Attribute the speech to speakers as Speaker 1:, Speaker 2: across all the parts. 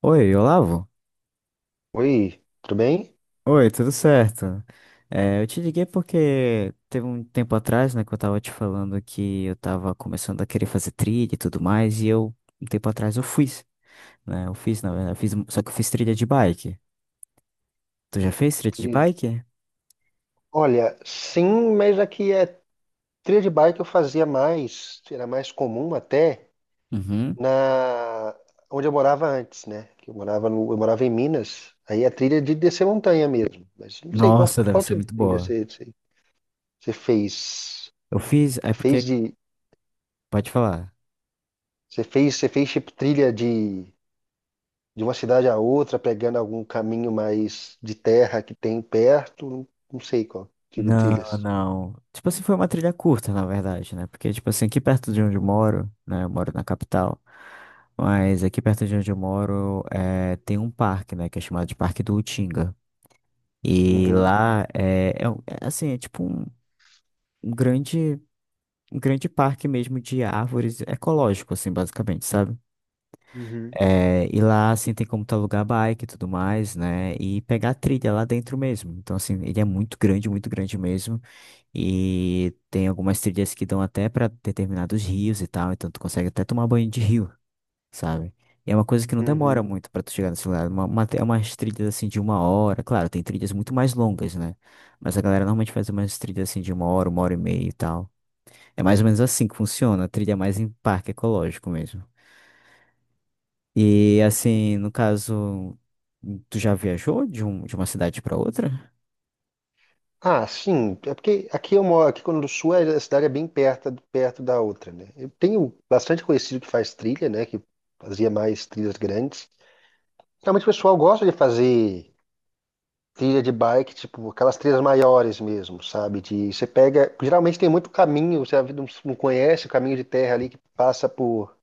Speaker 1: Oi, Olavo?
Speaker 2: Oi, tudo bem?
Speaker 1: Oi, tudo certo? Eu te liguei porque teve um tempo atrás, né, que eu tava te falando que eu tava começando a querer fazer trilha e tudo mais, um tempo atrás, eu fiz, só que eu fiz trilha de bike. Tu já fez trilha de
Speaker 2: E,
Speaker 1: bike?
Speaker 2: Olha, sim, mas aqui é trilha de bike eu fazia mais, era mais comum até
Speaker 1: Uhum.
Speaker 2: na onde eu morava antes, né? Que eu morava no, eu morava em Minas. Aí a trilha de descer montanha mesmo. Mas não sei qual
Speaker 1: Nossa, deve
Speaker 2: qual
Speaker 1: ser
Speaker 2: tipo de
Speaker 1: muito
Speaker 2: trilha
Speaker 1: boa.
Speaker 2: você, você fez.
Speaker 1: Eu fiz, é
Speaker 2: Você
Speaker 1: porque,
Speaker 2: fez de
Speaker 1: pode falar.
Speaker 2: você fez tipo trilha de uma cidade a outra, pegando algum caminho mais de terra que tem perto. Não, não sei qual tipo de
Speaker 1: Não,
Speaker 2: trilhas.
Speaker 1: não. Tipo assim, foi uma trilha curta, na verdade, né? Porque, tipo assim, aqui perto de onde eu moro, né? Eu moro na capital, mas aqui perto de onde eu moro tem um parque, né? Que é chamado de Parque do Utinga. E
Speaker 2: Uhum,
Speaker 1: lá assim, um grande, um grande parque mesmo de árvores ecológico, assim, basicamente, sabe?
Speaker 2: uhum,
Speaker 1: É, e lá, assim, tem como tu alugar bike e tudo mais, né? E pegar a trilha lá dentro mesmo. Então, assim, ele é muito grande mesmo. E tem algumas trilhas que dão até pra determinados rios e tal, então tu consegue até tomar banho de rio, sabe? E é uma coisa que não demora
Speaker 2: uhum.
Speaker 1: muito pra tu chegar nesse lugar. É umas trilhas assim de uma hora. Claro, tem trilhas muito mais longas, né? Mas a galera normalmente faz umas trilhas assim de uma hora e meia e tal. É mais ou menos assim que funciona, a trilha é mais em parque ecológico mesmo. E assim, no caso, tu já viajou de uma cidade pra outra?
Speaker 2: Ah, sim. É porque aqui eu moro, aqui quando do Sul é a cidade é bem perto, perto da outra, né? Eu tenho bastante conhecido que faz trilha, né? Que fazia mais trilhas grandes. Realmente o pessoal gosta de fazer trilha de bike, tipo aquelas trilhas maiores mesmo, sabe? De você pega, geralmente tem muito caminho, você não conhece o caminho de terra ali que passa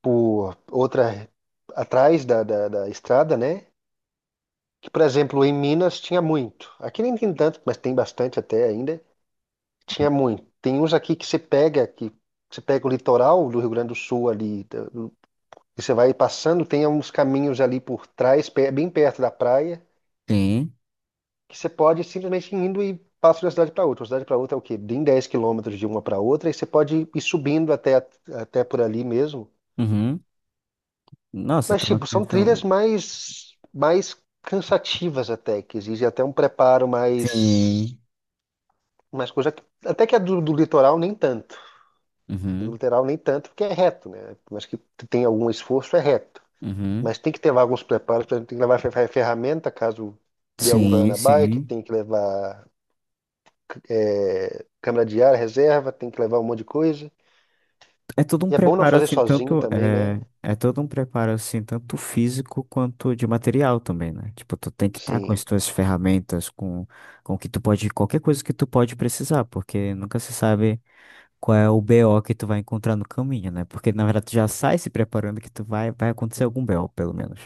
Speaker 2: por outra atrás da estrada, né? Que, por exemplo, em Minas tinha muito. Aqui nem tem tanto, mas tem bastante até ainda. Tinha muito. Tem uns aqui que você pega o litoral do Rio Grande do Sul ali, da do e você vai passando, tem uns caminhos ali por trás, pe- bem perto da praia,
Speaker 1: Sim.
Speaker 2: que você pode simplesmente ir indo e passa de uma cidade para outra. Uma cidade para outra é o quê? Bem 10 km de uma para outra, e você pode ir subindo até, até por ali mesmo.
Speaker 1: Uhum. Nossa,
Speaker 2: Mas,
Speaker 1: então,
Speaker 2: tipo, são trilhas
Speaker 1: então...
Speaker 2: mais cansativas até, que exigem até um preparo
Speaker 1: Sim.
Speaker 2: mais coisa. Que- Até que a do litoral nem tanto. Do
Speaker 1: Uhum.
Speaker 2: lateral nem tanto, porque é reto, né? Mas que tem algum esforço, é reto.
Speaker 1: Uhum.
Speaker 2: Mas tem que ter alguns preparos, por exemplo, tem que levar fer- ferramenta caso dê algum
Speaker 1: Sim,
Speaker 2: problema na bike,
Speaker 1: sim.
Speaker 2: tem que levar é, câmera de ar, reserva, tem que levar um monte de coisa.
Speaker 1: É todo um
Speaker 2: E é bom não
Speaker 1: preparo
Speaker 2: fazer
Speaker 1: assim,
Speaker 2: sozinho também, né?
Speaker 1: é todo um preparo assim, tanto físico quanto de material também, né? Tipo, tu tem que estar com
Speaker 2: Sim.
Speaker 1: as tuas ferramentas, com o que tu pode, qualquer coisa que tu pode precisar, porque nunca se sabe qual é o BO que tu vai encontrar no caminho, né? Porque na verdade tu já sai se preparando que tu vai acontecer algum BO, pelo menos,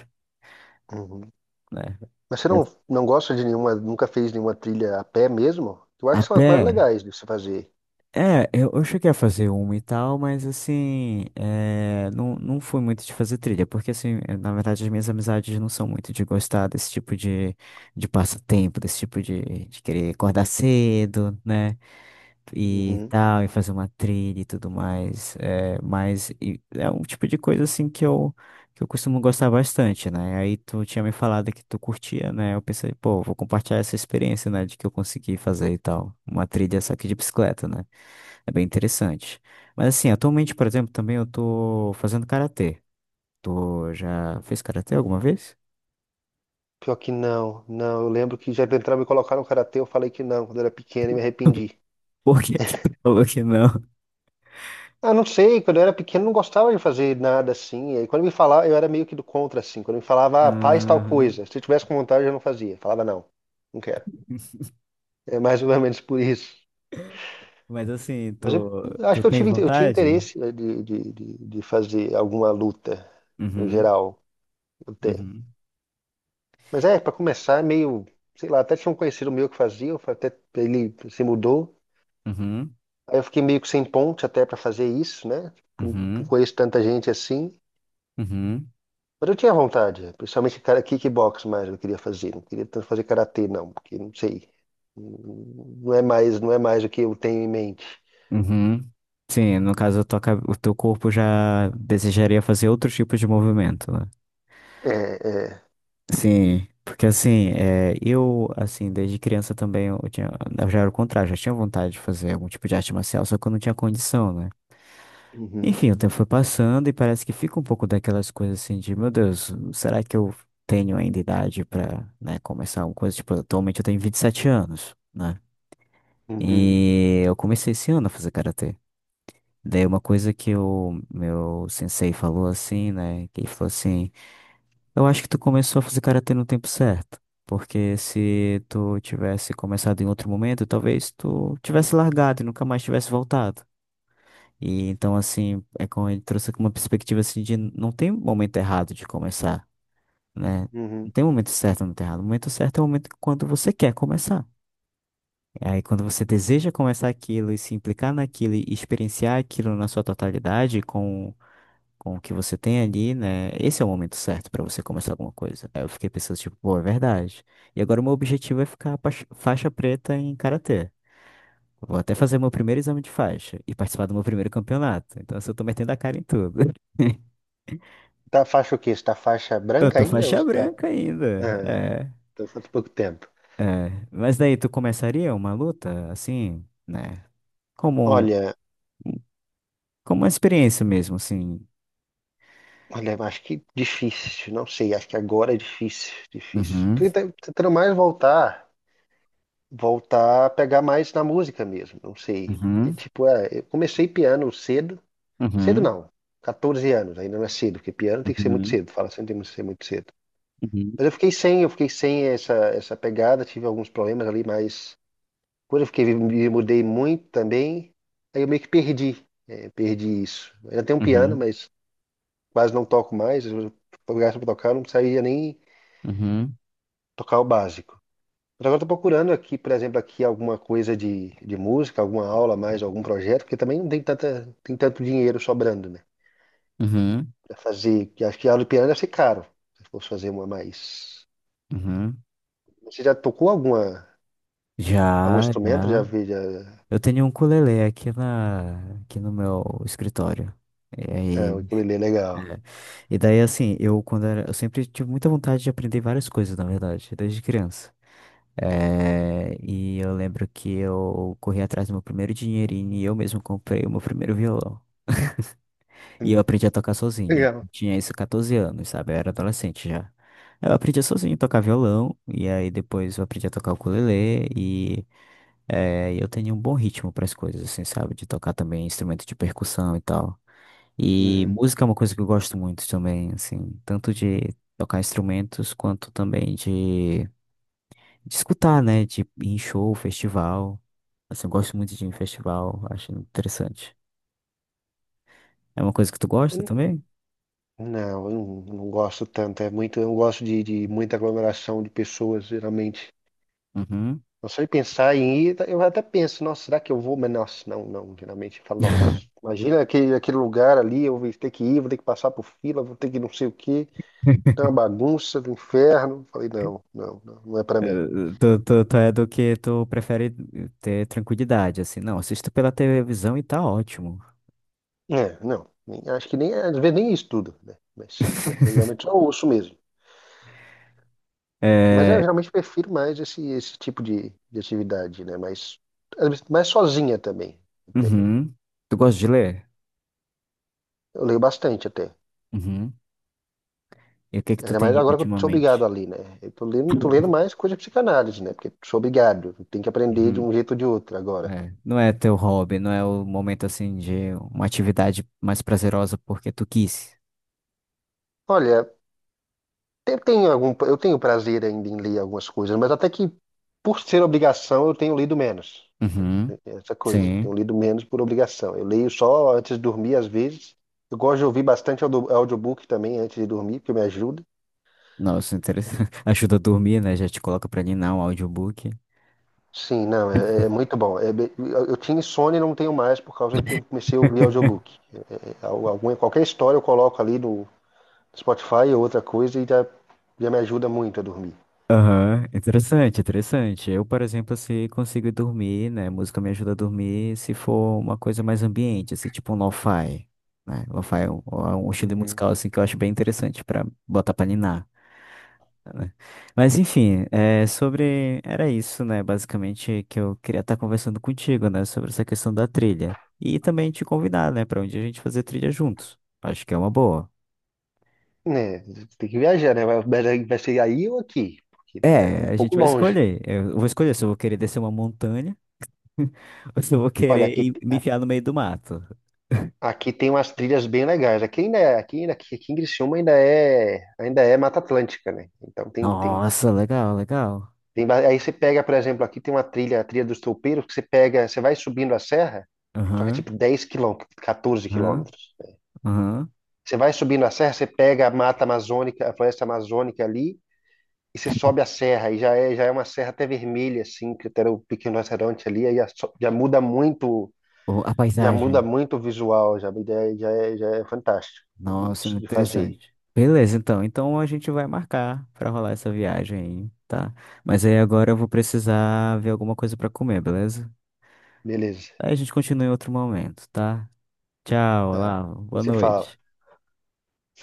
Speaker 2: Uhum.
Speaker 1: né?
Speaker 2: Mas você
Speaker 1: É,
Speaker 2: não, não gosta de nenhuma, nunca fez nenhuma trilha a pé mesmo? Eu acho
Speaker 1: a
Speaker 2: que são as
Speaker 1: pé.
Speaker 2: mais legais de se fazer.
Speaker 1: Eu cheguei a fazer uma e tal, mas assim, é, não, não fui muito de fazer trilha, porque assim, na verdade as minhas amizades não são muito de gostar desse tipo de passatempo, desse tipo de querer acordar cedo, né, e
Speaker 2: Uhum.
Speaker 1: tal, e fazer uma trilha e tudo mais, é um tipo de coisa assim que eu costumo gostar bastante, né, aí tu tinha me falado que tu curtia, né, eu pensei, pô, vou compartilhar essa experiência, né, de que eu consegui fazer e tal, uma trilha só que de bicicleta, né. É bem interessante. Mas assim, atualmente, por exemplo, também eu tô fazendo karatê. Tu já fez karatê alguma vez?
Speaker 2: Pior que não, não. Eu lembro que já tentaram me colocar no karatê, eu falei que não, quando eu era pequeno e me arrependi.
Speaker 1: Por que que tu falou que não?
Speaker 2: Ah, não sei, quando eu era pequeno não gostava de fazer nada assim. E aí quando me falava, eu era meio que do contra, assim. Quando me falava, ah, faz tal
Speaker 1: Aham.
Speaker 2: coisa. Se eu tivesse com vontade, eu não fazia. Falava, não, não quero. É mais ou menos por isso.
Speaker 1: Mas assim,
Speaker 2: Mas eu acho
Speaker 1: tu
Speaker 2: que eu
Speaker 1: tem
Speaker 2: tive, eu tinha
Speaker 1: vontade?
Speaker 2: interesse, né, de fazer alguma luta, no
Speaker 1: Uhum,
Speaker 2: geral, eu tenho.
Speaker 1: uhum,
Speaker 2: Mas é, para começar, é meio, sei lá, até tinha um conhecido meu que fazia, eu fa- até ele se mudou.
Speaker 1: uhum,
Speaker 2: Aí eu fiquei meio que sem ponte até para fazer isso, né? Não
Speaker 1: uhum,
Speaker 2: conheço tanta gente assim.
Speaker 1: uhum,
Speaker 2: Mas eu tinha vontade, principalmente cara, kickbox mais eu queria fazer, não queria tanto fazer karatê não, porque não sei, não é mais o que eu tenho em mente.
Speaker 1: uhum. Sim, no caso, o teu corpo já desejaria fazer outro tipo de movimento, né?
Speaker 2: É, é.
Speaker 1: Sim, porque assim, assim, desde criança eu já era o contrário, já tinha vontade de fazer algum tipo de arte marcial, só que eu não tinha condição, né?
Speaker 2: Uhum,
Speaker 1: Enfim, o tempo foi passando e parece que fica um pouco daquelas coisas assim de, meu Deus, será que eu tenho ainda idade pra, né, começar alguma coisa? Tipo, atualmente eu tenho 27 anos, né?
Speaker 2: uhum,
Speaker 1: E eu comecei esse ano a fazer karatê. Daí uma coisa que o meu sensei falou assim, né, que ele falou assim, eu acho que tu começou a fazer karatê no tempo certo. Porque se tu tivesse começado em outro momento, talvez tu tivesse largado e nunca mais tivesse voltado. E então, assim, é como ele trouxe uma perspectiva assim de não tem momento errado de começar, né? Não
Speaker 2: uhum.
Speaker 1: tem momento certo, não tem errado. O momento certo é o momento quando você quer começar. Aí quando você deseja começar aquilo e se implicar naquilo e experienciar aquilo na sua totalidade, com o que você tem ali, né? Esse é o momento certo pra você começar alguma coisa. Aí eu fiquei pensando, tipo, pô, é verdade. E agora o meu objetivo é ficar faixa preta em karatê. Vou até fazer meu primeiro exame de faixa e participar do meu primeiro campeonato. Então, assim, eu tô metendo a cara em tudo.
Speaker 2: Tá faixa o quê? Você tá faixa
Speaker 1: Eu
Speaker 2: branca
Speaker 1: tô
Speaker 2: ainda ou
Speaker 1: faixa
Speaker 2: você tá,
Speaker 1: branca ainda.
Speaker 2: ah,
Speaker 1: É,
Speaker 2: tá faz pouco tempo?
Speaker 1: é. Mas daí tu começaria uma luta, assim, né? Como, um-
Speaker 2: Olha,
Speaker 1: como uma experiência mesmo, assim.
Speaker 2: olha, eu acho que difícil, não sei, acho que agora é difícil, difícil.
Speaker 1: Uhum,
Speaker 2: Tô tenta- tentando mais voltar, voltar a pegar mais na música mesmo, não sei. E,
Speaker 1: uhum,
Speaker 2: tipo, é, eu comecei piano cedo. Cedo
Speaker 1: uhum,
Speaker 2: não. 14 anos, ainda não é cedo, porque piano tem que ser muito
Speaker 1: uhum,
Speaker 2: cedo, fala sempre tem que ser muito cedo.
Speaker 1: uhum,
Speaker 2: Mas eu fiquei sem essa pegada, tive alguns problemas ali, mas quando eu fiquei, me mudei muito também, aí eu meio que perdi, é, perdi isso. Eu ainda tenho um piano,
Speaker 1: uhum,
Speaker 2: mas quase não toco mais, eu fui obrigado tocar, eu não sabia nem
Speaker 1: uhum, uhum.
Speaker 2: tocar o básico. Mas agora estou procurando aqui, por exemplo, aqui alguma coisa de música, alguma aula a mais, algum projeto, porque também não tem tanta, tem tanto dinheiro sobrando, né?
Speaker 1: Uhum.
Speaker 2: Pra fazer, que acho que aula de piano deve ser caro, se fosse fazer uma mais.
Speaker 1: Uhum.
Speaker 2: Você já tocou algum
Speaker 1: Já,
Speaker 2: instrumento? Já
Speaker 1: já.
Speaker 2: vi, já.
Speaker 1: Eu tenho um ukulele aqui no meu escritório. E
Speaker 2: É, o
Speaker 1: aí,
Speaker 2: ukulele é legal.
Speaker 1: e daí assim, eu quando era, eu sempre tive muita vontade de aprender várias coisas, na verdade, desde criança. E eu lembro que eu corri atrás do meu primeiro dinheirinho e eu mesmo comprei o meu primeiro violão. E
Speaker 2: Hum.
Speaker 1: eu aprendi a tocar sozinho.
Speaker 2: Legal.
Speaker 1: Tinha isso 14 anos, sabe? Eu era adolescente já. Eu aprendi sozinho a tocar violão, e aí depois eu aprendi a tocar ukulele, e eu tenho um bom ritmo para as coisas, assim, sabe? De tocar também instrumento de percussão e tal. E
Speaker 2: Uhum.
Speaker 1: música é uma coisa que eu gosto muito também, assim, tanto de tocar instrumentos quanto também de escutar, né? De ir em show, festival. Assim, eu gosto muito de ir em festival, acho interessante. É uma coisa que tu gosta
Speaker 2: Hum.
Speaker 1: também?
Speaker 2: Não, eu não, não gosto tanto. É muito, eu não gosto de muita aglomeração de pessoas, geralmente.
Speaker 1: Uhum.
Speaker 2: Eu só de pensar em ir, tá, eu até penso, nossa, será que eu vou? Mas, nossa, não, não. Geralmente eu falo, nossa, imagina aquele lugar ali, eu vou ter que ir, vou ter que passar por fila, vou ter que não sei o quê. É uma bagunça do inferno. Falei, não, não, não, não é pra mim.
Speaker 1: Tu é do que tu prefere ter tranquilidade, assim. Não, assisto pela televisão e tá ótimo.
Speaker 2: É, não. Nem acho que nem, às vezes nem estudo, né? Mas eu geralmente só ouço mesmo. Mas eu
Speaker 1: É,
Speaker 2: realmente prefiro mais esse tipo de atividade, né? Mas às vezes, mais sozinha também. Até.
Speaker 1: uhum. Tu gosta de ler?
Speaker 2: Eu leio bastante até.
Speaker 1: Uhum. E o que que tu
Speaker 2: Ainda
Speaker 1: tem
Speaker 2: mais
Speaker 1: lido
Speaker 2: agora que eu sou
Speaker 1: ultimamente?
Speaker 2: obrigado ali, né? Tô lendo mais coisa de psicanálise, né? Porque sou obrigado. Tem que aprender de
Speaker 1: Uhum.
Speaker 2: um jeito ou de outro agora.
Speaker 1: É. Não é teu hobby, não é o momento, assim, de uma atividade mais prazerosa porque tu quis.
Speaker 2: Olha, eu tenho prazer ainda em ler algumas coisas, mas até que por ser obrigação eu tenho lido menos.
Speaker 1: Uhum.
Speaker 2: Tem essa coisa.
Speaker 1: Sim.
Speaker 2: Tenho lido menos por obrigação. Eu leio só antes de dormir, às vezes. Eu gosto de ouvir bastante audio- audiobook também antes de dormir, porque me ajuda.
Speaker 1: Nossa, interessante. Ajuda a dormir, né? Já te coloca pra ninar um audiobook.
Speaker 2: Sim, não, é, é muito bom. É be- eu tinha insônia e não tenho mais por causa que eu comecei a ouvir audiobook. É, é, é, al- alguma, qualquer história eu coloco ali no Spotify ou outra coisa e já me ajuda muito a dormir.
Speaker 1: Aham, interessante, interessante. Eu, por exemplo, se consigo dormir, né? Música me ajuda a dormir se for uma coisa mais ambiente, assim, tipo um lo-fi, né? Lo-fi é um estilo
Speaker 2: Uhum.
Speaker 1: musical, assim, que eu acho bem interessante pra botar pra ninar, né? Mas, enfim, é, sobre... Era isso, né? Basicamente, que eu queria estar conversando contigo, né? Sobre essa questão da trilha. E também te convidar, né? Pra um dia a gente fazer trilha juntos. Acho que é uma boa.
Speaker 2: É, tem que viajar, né? Vai vai ser aí ou aqui? Porque né, é
Speaker 1: É,
Speaker 2: um
Speaker 1: a gente
Speaker 2: pouco
Speaker 1: vai
Speaker 2: longe.
Speaker 1: escolher. Eu vou escolher se eu vou querer descer uma montanha. Ou se vou
Speaker 2: Olha,
Speaker 1: querer
Speaker 2: aqui.
Speaker 1: me enfiar no meio do mato.
Speaker 2: Aqui tem umas trilhas bem legais. Aqui em Criciúma ainda é Mata Atlântica, né? Então
Speaker 1: Nossa, legal, legal.
Speaker 2: tem, ba- aí você pega, por exemplo, aqui tem uma trilha, a trilha dos Toupeiros, que você pega, você vai subindo a serra, só que é
Speaker 1: Aham,
Speaker 2: tipo 10 km, 14
Speaker 1: aham,
Speaker 2: quilômetros.
Speaker 1: aham.
Speaker 2: Você vai subindo a serra, você pega a Mata Amazônica, a Floresta Amazônica ali, e você sobe a serra, e já é uma serra até vermelha, assim, que até era o Pequeno Restaurante ali, aí já, so-
Speaker 1: O A
Speaker 2: já muda
Speaker 1: paisagem.
Speaker 2: muito o visual, já é fantástico
Speaker 1: Nossa, muito
Speaker 2: de fazer.
Speaker 1: interessante. Beleza, então. Então a gente vai marcar pra rolar essa viagem aí, tá? Mas aí agora eu vou precisar ver alguma coisa pra comer, beleza?
Speaker 2: Beleza,
Speaker 1: Aí a gente continua em outro momento, tá? Tchau,
Speaker 2: tá.
Speaker 1: lá. Boa
Speaker 2: Você fala.
Speaker 1: noite.